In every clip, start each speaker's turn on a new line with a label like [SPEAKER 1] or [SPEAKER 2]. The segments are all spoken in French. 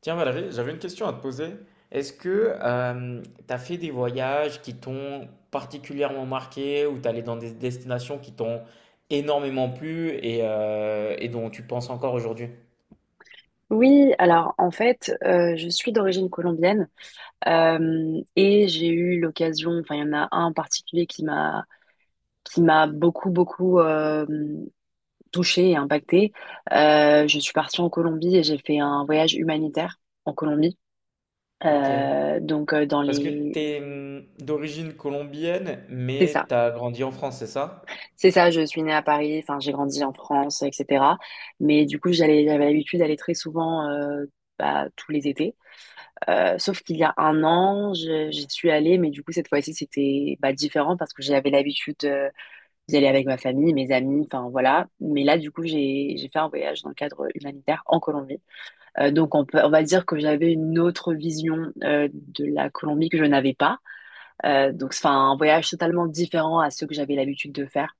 [SPEAKER 1] Tiens Valérie, j'avais une question à te poser. Est-ce que tu as fait des voyages qui t'ont particulièrement marqué ou t'es allé dans des destinations qui t'ont énormément plu et dont tu penses encore aujourd'hui?
[SPEAKER 2] Oui, alors en fait, je suis d'origine colombienne et j'ai eu l'occasion, enfin il y en a un en particulier qui m'a beaucoup touchée et impactée. Je suis partie en Colombie et j'ai fait un voyage humanitaire en Colombie.
[SPEAKER 1] Ok.
[SPEAKER 2] Dans
[SPEAKER 1] Parce que
[SPEAKER 2] les,
[SPEAKER 1] t'es d'origine colombienne,
[SPEAKER 2] c'est
[SPEAKER 1] mais
[SPEAKER 2] ça.
[SPEAKER 1] t'as grandi en France, c'est ça?
[SPEAKER 2] C'est ça, je suis née à Paris, enfin j'ai grandi en France, etc. Mais du coup, j'avais l'habitude d'aller très souvent, bah, tous les étés. Sauf qu'il y a un an, j'y suis allée, mais du coup cette fois-ci c'était bah, différent, parce que j'avais l'habitude d'y aller avec ma famille, mes amis, enfin voilà. Mais là, du coup, j'ai fait un voyage dans le cadre humanitaire en Colombie. Donc on peut, on va dire que j'avais une autre vision de la Colombie que je n'avais pas. Donc c'est enfin, un voyage totalement différent à ceux que j'avais l'habitude de faire.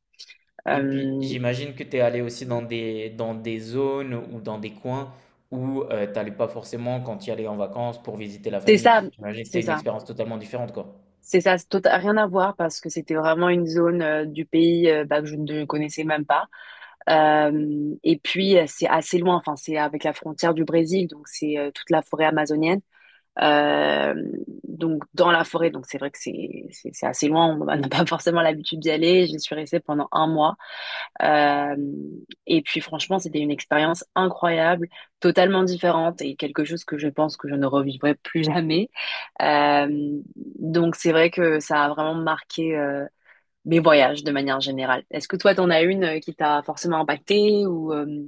[SPEAKER 1] Et puis
[SPEAKER 2] Euh,
[SPEAKER 1] j'imagine que t'es allé aussi dans dans des zones ou dans des coins où t'allais pas forcément quand tu y allais en vacances pour visiter la
[SPEAKER 2] C'est
[SPEAKER 1] famille.
[SPEAKER 2] ça,
[SPEAKER 1] J'imagine que
[SPEAKER 2] c'est
[SPEAKER 1] c'était une
[SPEAKER 2] ça,
[SPEAKER 1] expérience totalement différente, quoi.
[SPEAKER 2] c'est ça, c'est rien à voir parce que c'était vraiment une zone du pays, bah, que je ne connaissais même pas. Et puis c'est assez loin, enfin c'est avec la frontière du Brésil, donc c'est, toute la forêt amazonienne. Euh, donc dans la forêt, donc c'est vrai que c'est assez loin, on n'a pas forcément l'habitude d'y aller. J'y suis restée pendant un mois. Euh, et puis franchement, c'était une expérience incroyable, totalement différente et quelque chose que je pense que je ne revivrai plus jamais. Euh, donc c'est vrai que ça a vraiment marqué, mes voyages de manière générale. Est-ce que toi, t'en as une, qui t'a forcément impacté ou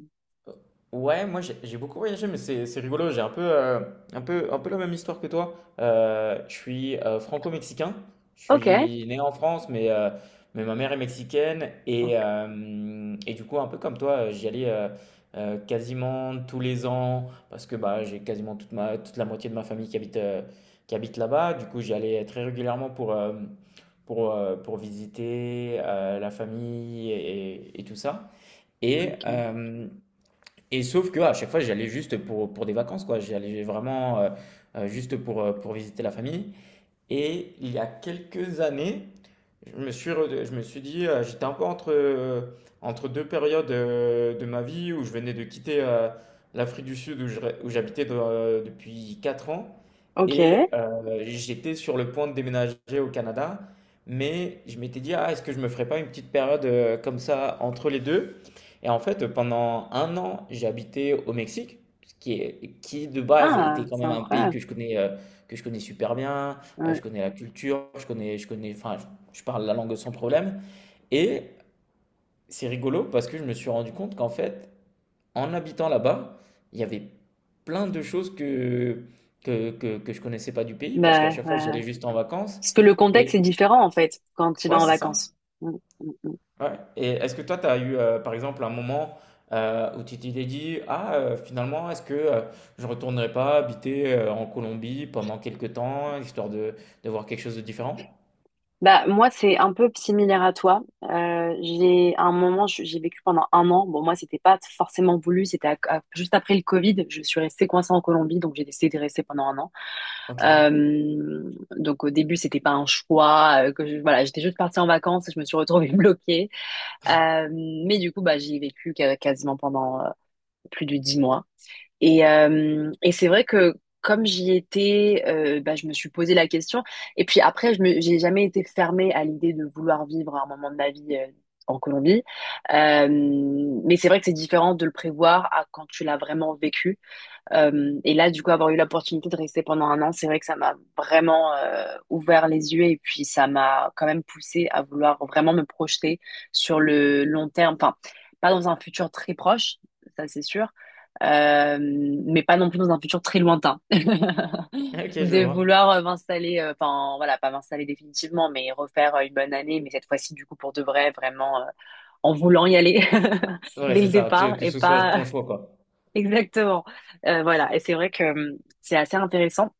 [SPEAKER 1] Ouais, moi j'ai beaucoup voyagé, mais c'est rigolo. J'ai un un peu la même histoire que toi. Je suis franco-mexicain. Je
[SPEAKER 2] Ok,
[SPEAKER 1] suis né en France, mais ma mère est mexicaine. Et,
[SPEAKER 2] ok.
[SPEAKER 1] euh, et du coup, un peu comme toi, j'y allais quasiment tous les ans parce que bah, j'ai quasiment toute la moitié de ma famille qui qui habite là-bas. Du coup, j'y allais très régulièrement pour visiter la famille et tout ça. Et,
[SPEAKER 2] Ok.
[SPEAKER 1] euh, et sauf que à chaque fois, j'allais juste pour des vacances, quoi. J'allais vraiment juste pour visiter la famille. Et il y a quelques années, je me je me suis dit. J'étais un peu entre deux périodes de ma vie où je venais de quitter l'Afrique du Sud où je depuis 4 ans
[SPEAKER 2] Ok.
[SPEAKER 1] et j'étais sur le point de déménager au Canada. Mais je m'étais dit, ah, est-ce que je me ferais pas une petite période comme ça entre les deux? Et en fait, pendant un an, j'ai habité au Mexique, ce qui qui de base
[SPEAKER 2] Ah,
[SPEAKER 1] était quand
[SPEAKER 2] c'est
[SPEAKER 1] même un pays
[SPEAKER 2] incroyable.
[SPEAKER 1] que je que je connais super bien.
[SPEAKER 2] Ouais.
[SPEAKER 1] Je connais la culture, je enfin, je parle la langue sans problème. Et c'est rigolo parce que je me suis rendu compte qu'en fait, en habitant là-bas, il y avait plein de choses que je connaissais pas du pays parce qu'à
[SPEAKER 2] Bah,
[SPEAKER 1] chaque fois, j'y allais juste en vacances.
[SPEAKER 2] parce que le contexte
[SPEAKER 1] Et
[SPEAKER 2] est différent en fait quand tu vas
[SPEAKER 1] ouais,
[SPEAKER 2] en
[SPEAKER 1] c'est ça.
[SPEAKER 2] vacances. Mm, mm.
[SPEAKER 1] Ouais. Et est-ce que toi, tu as eu, par exemple, un moment où tu t'es dit, ah, finalement, est-ce que je ne retournerai pas habiter en Colombie pendant quelques temps, histoire de voir quelque chose de différent?
[SPEAKER 2] Bah moi c'est un peu similaire à toi. J'ai à un moment j'ai vécu pendant un an. Bon moi c'était pas forcément voulu, c'était juste après le Covid. Je suis restée coincée en Colombie, donc j'ai décidé de rester pendant un an.
[SPEAKER 1] Ok.
[SPEAKER 2] Donc au début c'était pas un choix voilà, j'étais juste partie en vacances et je me suis retrouvée bloquée. Euh, mais du coup bah j'y ai vécu quasiment pendant, plus de 10 mois. Et c'est vrai que comme j'y étais, bah, je me suis posé la question. Et puis après, j'ai jamais été fermée à l'idée de vouloir vivre un moment de ma vie en Colombie. Euh, mais c'est vrai que c'est différent de le prévoir à quand tu l'as vraiment vécu. Et là, du coup, avoir eu l'opportunité de rester pendant un an, c'est vrai que ça m'a vraiment ouvert les yeux et puis ça m'a quand même poussé à vouloir vraiment me projeter sur le long terme. Enfin, pas dans un futur très proche, ça c'est sûr, euh, mais pas non plus dans un futur très lointain.
[SPEAKER 1] Ok, je
[SPEAKER 2] De
[SPEAKER 1] vois.
[SPEAKER 2] vouloir, m'installer, enfin voilà, pas m'installer définitivement, mais refaire, une bonne année, mais cette fois-ci, du coup, pour de vrai, vraiment, en voulant y aller
[SPEAKER 1] Ouais,
[SPEAKER 2] dès le
[SPEAKER 1] c'est ça,
[SPEAKER 2] départ
[SPEAKER 1] que
[SPEAKER 2] et
[SPEAKER 1] ce soit ton
[SPEAKER 2] pas
[SPEAKER 1] choix, quoi.
[SPEAKER 2] Exactement. Voilà, et c'est vrai que c'est assez intéressant.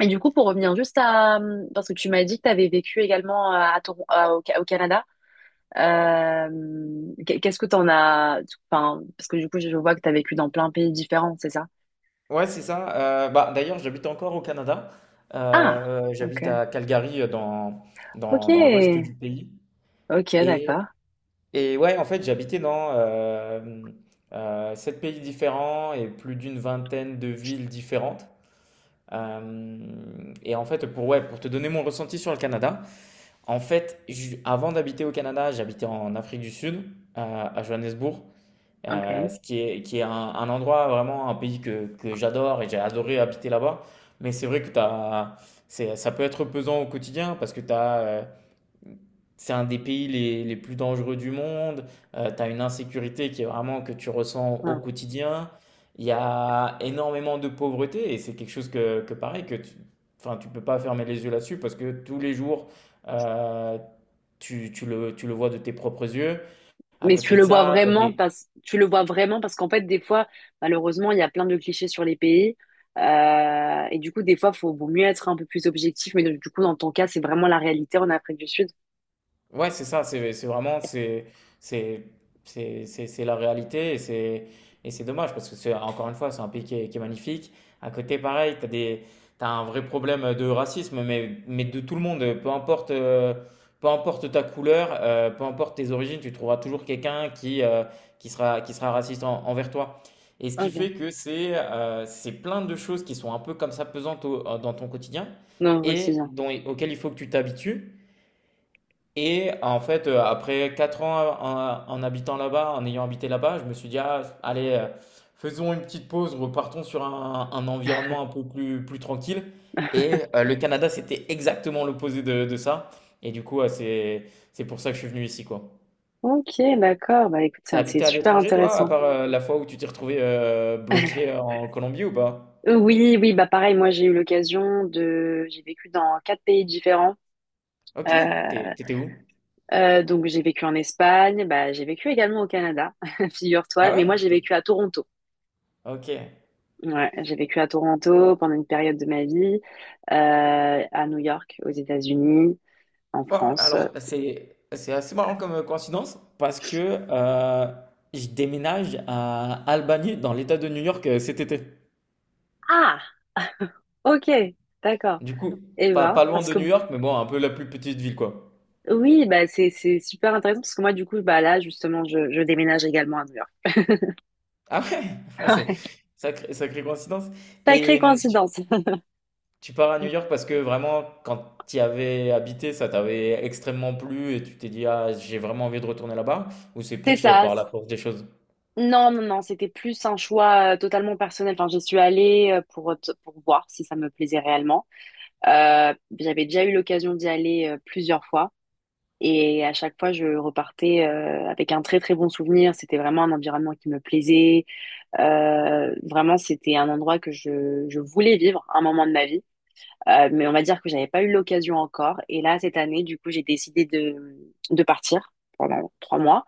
[SPEAKER 2] Et du coup, pour revenir juste à... parce que tu m'as dit que tu avais vécu également à Toron- à- au, Ca- au Canada. Euh, Qu'est-ce que t'en as... Enfin, parce que du coup, je vois que tu as vécu dans plein de pays différents, c'est ça?
[SPEAKER 1] Ouais, c'est ça. D'ailleurs, j'habite encore au Canada.
[SPEAKER 2] Ah,
[SPEAKER 1] J'habite
[SPEAKER 2] ok.
[SPEAKER 1] à Calgary, euh, dans,
[SPEAKER 2] Ok.
[SPEAKER 1] dans, dans l'ouest du pays.
[SPEAKER 2] Ok,
[SPEAKER 1] Et,
[SPEAKER 2] d'accord.
[SPEAKER 1] et ouais, en fait, j'habitais dans sept pays différents et plus d'une vingtaine de villes différentes. Et en fait, ouais, pour te donner mon ressenti sur le Canada, en fait, avant d'habiter au Canada, j'habitais en Afrique du Sud, à Johannesburg. Euh,
[SPEAKER 2] Ok.
[SPEAKER 1] ce qui est un endroit, vraiment un pays que j'adore et j'ai adoré habiter là-bas. Mais c'est vrai que c'est, ça peut être pesant au quotidien parce que c'est un des pays les plus dangereux du monde. Tu as une insécurité qui est vraiment que tu ressens au
[SPEAKER 2] Ouais.
[SPEAKER 1] quotidien. Il y a énormément de pauvreté et c'est quelque chose que enfin, tu peux pas fermer les yeux là-dessus parce que tous les jours, euh, tu le vois de tes propres yeux. À
[SPEAKER 2] Mais tu
[SPEAKER 1] côté de
[SPEAKER 2] le vois
[SPEAKER 1] ça,
[SPEAKER 2] vraiment parce qu'en fait des fois malheureusement il y a plein de clichés sur les pays. Et du coup des fois faut vaut mieux être un peu plus objectif, mais donc, du coup dans ton cas c'est vraiment la réalité en Afrique du Sud.
[SPEAKER 1] ouais, c'est ça, c'est vraiment, c'est- c'est la réalité et c'est dommage parce que c'est encore une fois, c'est un pays qui est magnifique. À côté, pareil, t'as un vrai problème de racisme, mais de tout le monde, peu importe ta couleur, peu importe tes origines, tu trouveras toujours quelqu'un qui qui sera raciste envers toi. Et ce qui
[SPEAKER 2] Ok.
[SPEAKER 1] fait que c'est plein de choses qui sont un peu comme ça pesantes dans ton quotidien
[SPEAKER 2] Non, aussi
[SPEAKER 1] et
[SPEAKER 2] bien.
[SPEAKER 1] dont, auxquelles il faut que tu t'habitues. Et en fait, après 4 ans en habitant là-bas, en ayant habité là-bas, je me suis dit, ah, allez, faisons une petite pause, repartons sur un environnement un peu plus tranquille. Le Canada, c'était exactement l'opposé de ça. Et du coup, c'est pour ça que je suis venu ici, quoi.
[SPEAKER 2] Ok, d'accord. Bah écoute,
[SPEAKER 1] T'as
[SPEAKER 2] ça, c'est
[SPEAKER 1] habité à
[SPEAKER 2] super
[SPEAKER 1] l'étranger, toi, à
[SPEAKER 2] intéressant.
[SPEAKER 1] part la fois où tu t'es retrouvé bloqué en Colombie ou pas?
[SPEAKER 2] Oui, oui, bah pareil, moi j'ai eu l'occasion de... j'ai vécu dans 4 pays différents.
[SPEAKER 1] Ok,
[SPEAKER 2] Euh,
[SPEAKER 1] t'étais où?
[SPEAKER 2] donc j'ai vécu en Espagne, bah, j'ai vécu également au Canada,
[SPEAKER 1] Ah
[SPEAKER 2] figure-toi, mais
[SPEAKER 1] ouais?
[SPEAKER 2] moi j'ai
[SPEAKER 1] T'es-
[SPEAKER 2] vécu à Toronto.
[SPEAKER 1] Ok.
[SPEAKER 2] Ouais, j'ai vécu à Toronto pendant une période de ma vie, à New York, aux États-Unis, en
[SPEAKER 1] Oh,
[SPEAKER 2] France.
[SPEAKER 1] alors, c'est assez marrant comme coïncidence parce que je déménage à Albany, dans l'État de New York, cet été.
[SPEAKER 2] Ah, ok, d'accord.
[SPEAKER 1] Du coup,
[SPEAKER 2] Et ben,
[SPEAKER 1] pas loin
[SPEAKER 2] parce
[SPEAKER 1] de
[SPEAKER 2] que
[SPEAKER 1] New York, mais bon, un peu la plus petite ville, quoi.
[SPEAKER 2] oui, bah c'est super intéressant parce que moi du coup bah là justement, je déménage également à New York.
[SPEAKER 1] Ah ouais, Ah, c'est sacrée coïncidence.
[SPEAKER 2] Sacrée
[SPEAKER 1] Et
[SPEAKER 2] coïncidence.
[SPEAKER 1] tu pars à New York parce que vraiment, quand tu y avais habité, ça t'avait extrêmement plu et tu t'es dit, ah, j'ai vraiment envie de retourner là-bas, ou c'est
[SPEAKER 2] C'est
[SPEAKER 1] plus
[SPEAKER 2] ça.
[SPEAKER 1] par la force des choses?
[SPEAKER 2] Non, non, non, c'était plus un choix totalement personnel. Enfin, j'y suis allée, pour, pour voir si ça me plaisait réellement. Euh, J'avais déjà eu l'occasion d'y aller, plusieurs fois. Et à chaque fois, je repartais, avec un très très bon souvenir. C'était vraiment un environnement qui me plaisait. Vraiment, c'était un endroit que je voulais vivre un moment de ma vie. Mais on va dire que j'avais pas eu l'occasion encore. Et là, cette année, du coup, j'ai décidé de partir pendant 3 mois.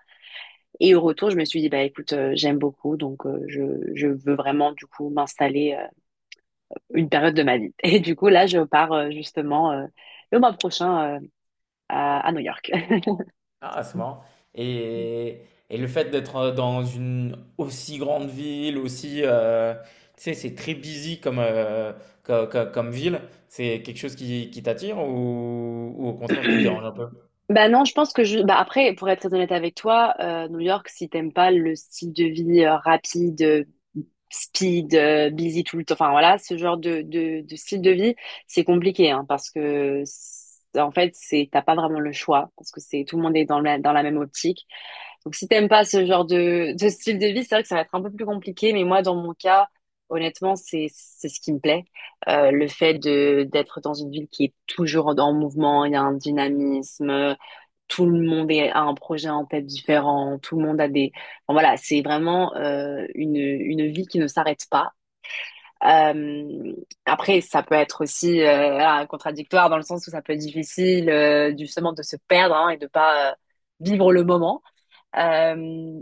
[SPEAKER 2] Et au retour, je me suis dit, bah écoute, j'aime beaucoup, donc, je veux vraiment du coup m'installer, une période de ma vie. Et du coup, là, je pars, justement, le mois prochain, à New York.
[SPEAKER 1] Ah, c'est marrant. Et, et le fait d'être dans une aussi grande ville, aussi, tu sais, c'est très busy comme ville, c'est quelque chose qui t'attire ou au contraire qui te dérange un peu?
[SPEAKER 2] Bah non, je pense que je. Bah après, pour être très honnête avec toi, New York, si t'aimes pas le style de vie, rapide, speed, busy tout le temps, enfin voilà, ce genre de style de vie, c'est compliqué, hein, parce que en fait, c'est t'as pas vraiment le choix, parce que c'est tout le monde est dans la même optique. Donc si t'aimes pas ce genre de style de vie, c'est vrai que ça va être un peu plus compliqué, mais moi, dans mon cas, honnêtement, c'est ce qui me plaît. Le fait de d'être dans une ville qui est toujours en mouvement, il y a un dynamisme, tout le monde a un projet en tête différent, tout le monde a des... Enfin, voilà, c'est vraiment, une vie qui ne s'arrête pas. Euh, Après, ça peut être aussi, voilà, contradictoire dans le sens où ça peut être difficile, justement de se perdre hein, et de pas, vivre le moment. Euh,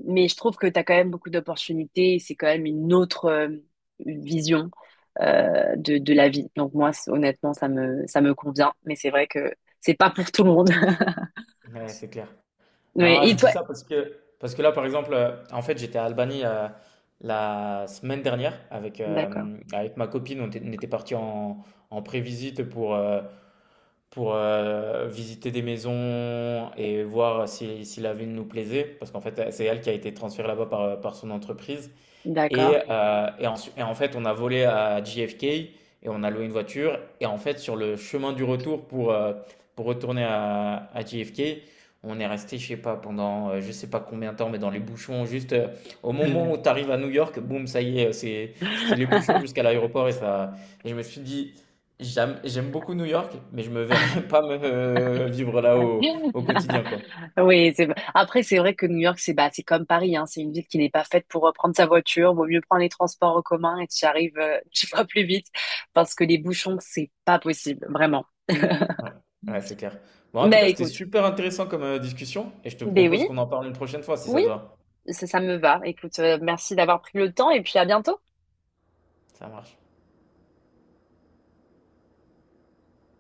[SPEAKER 2] mais je trouve que tu as quand même beaucoup d'opportunités et c'est quand même une autre, vision, de la vie. Donc moi, honnêtement, ça me convient, mais c'est vrai que c'est pas pour tout le monde.
[SPEAKER 1] Ouais, c'est clair.
[SPEAKER 2] Mais
[SPEAKER 1] Non,
[SPEAKER 2] et
[SPEAKER 1] je dis
[SPEAKER 2] toi?
[SPEAKER 1] ça parce que là, par exemple, en fait, j'étais à Albanie la semaine dernière
[SPEAKER 2] D'accord.
[SPEAKER 1] avec ma copine. On était parti en, en prévisite pour visiter des maisons et voir si, si la ville nous plaisait, parce qu'en fait, c'est elle qui a été transférée là-bas par son entreprise. Et,
[SPEAKER 2] D'accord.
[SPEAKER 1] euh, et, ensu- et en fait, on a volé à JFK et on a loué une voiture. Et en fait, sur le chemin du retour pour retourner à JFK, on est resté, je sais pas, pendant je sais pas combien de temps, mais dans les bouchons. Juste au moment où
[SPEAKER 2] Mhm.
[SPEAKER 1] tu arrives à New York, boum, ça y est. C'est les bouchons jusqu'à l'aéroport. Et je me suis dit, j'aime beaucoup New York, mais je me verrais pas vivre là au quotidien, quoi.
[SPEAKER 2] Oui, c'est... après, c'est vrai que New York, c'est bah, c'est comme Paris, hein. C'est une ville qui n'est pas faite pour, prendre sa voiture. Vaut mieux prendre les transports en commun et tu arrives, tu vas plus vite parce que les bouchons, c'est pas possible, vraiment.
[SPEAKER 1] Ouais, ouais, c'est clair. Bon, en tout cas,
[SPEAKER 2] Mais
[SPEAKER 1] c'était
[SPEAKER 2] écoute,
[SPEAKER 1] super intéressant comme discussion et je te
[SPEAKER 2] ben
[SPEAKER 1] propose
[SPEAKER 2] oui,
[SPEAKER 1] qu'on en parle une prochaine fois si ça
[SPEAKER 2] oui,
[SPEAKER 1] te va.
[SPEAKER 2] ça me va. Écoute, merci d'avoir pris le temps et puis à bientôt.
[SPEAKER 1] Ça marche.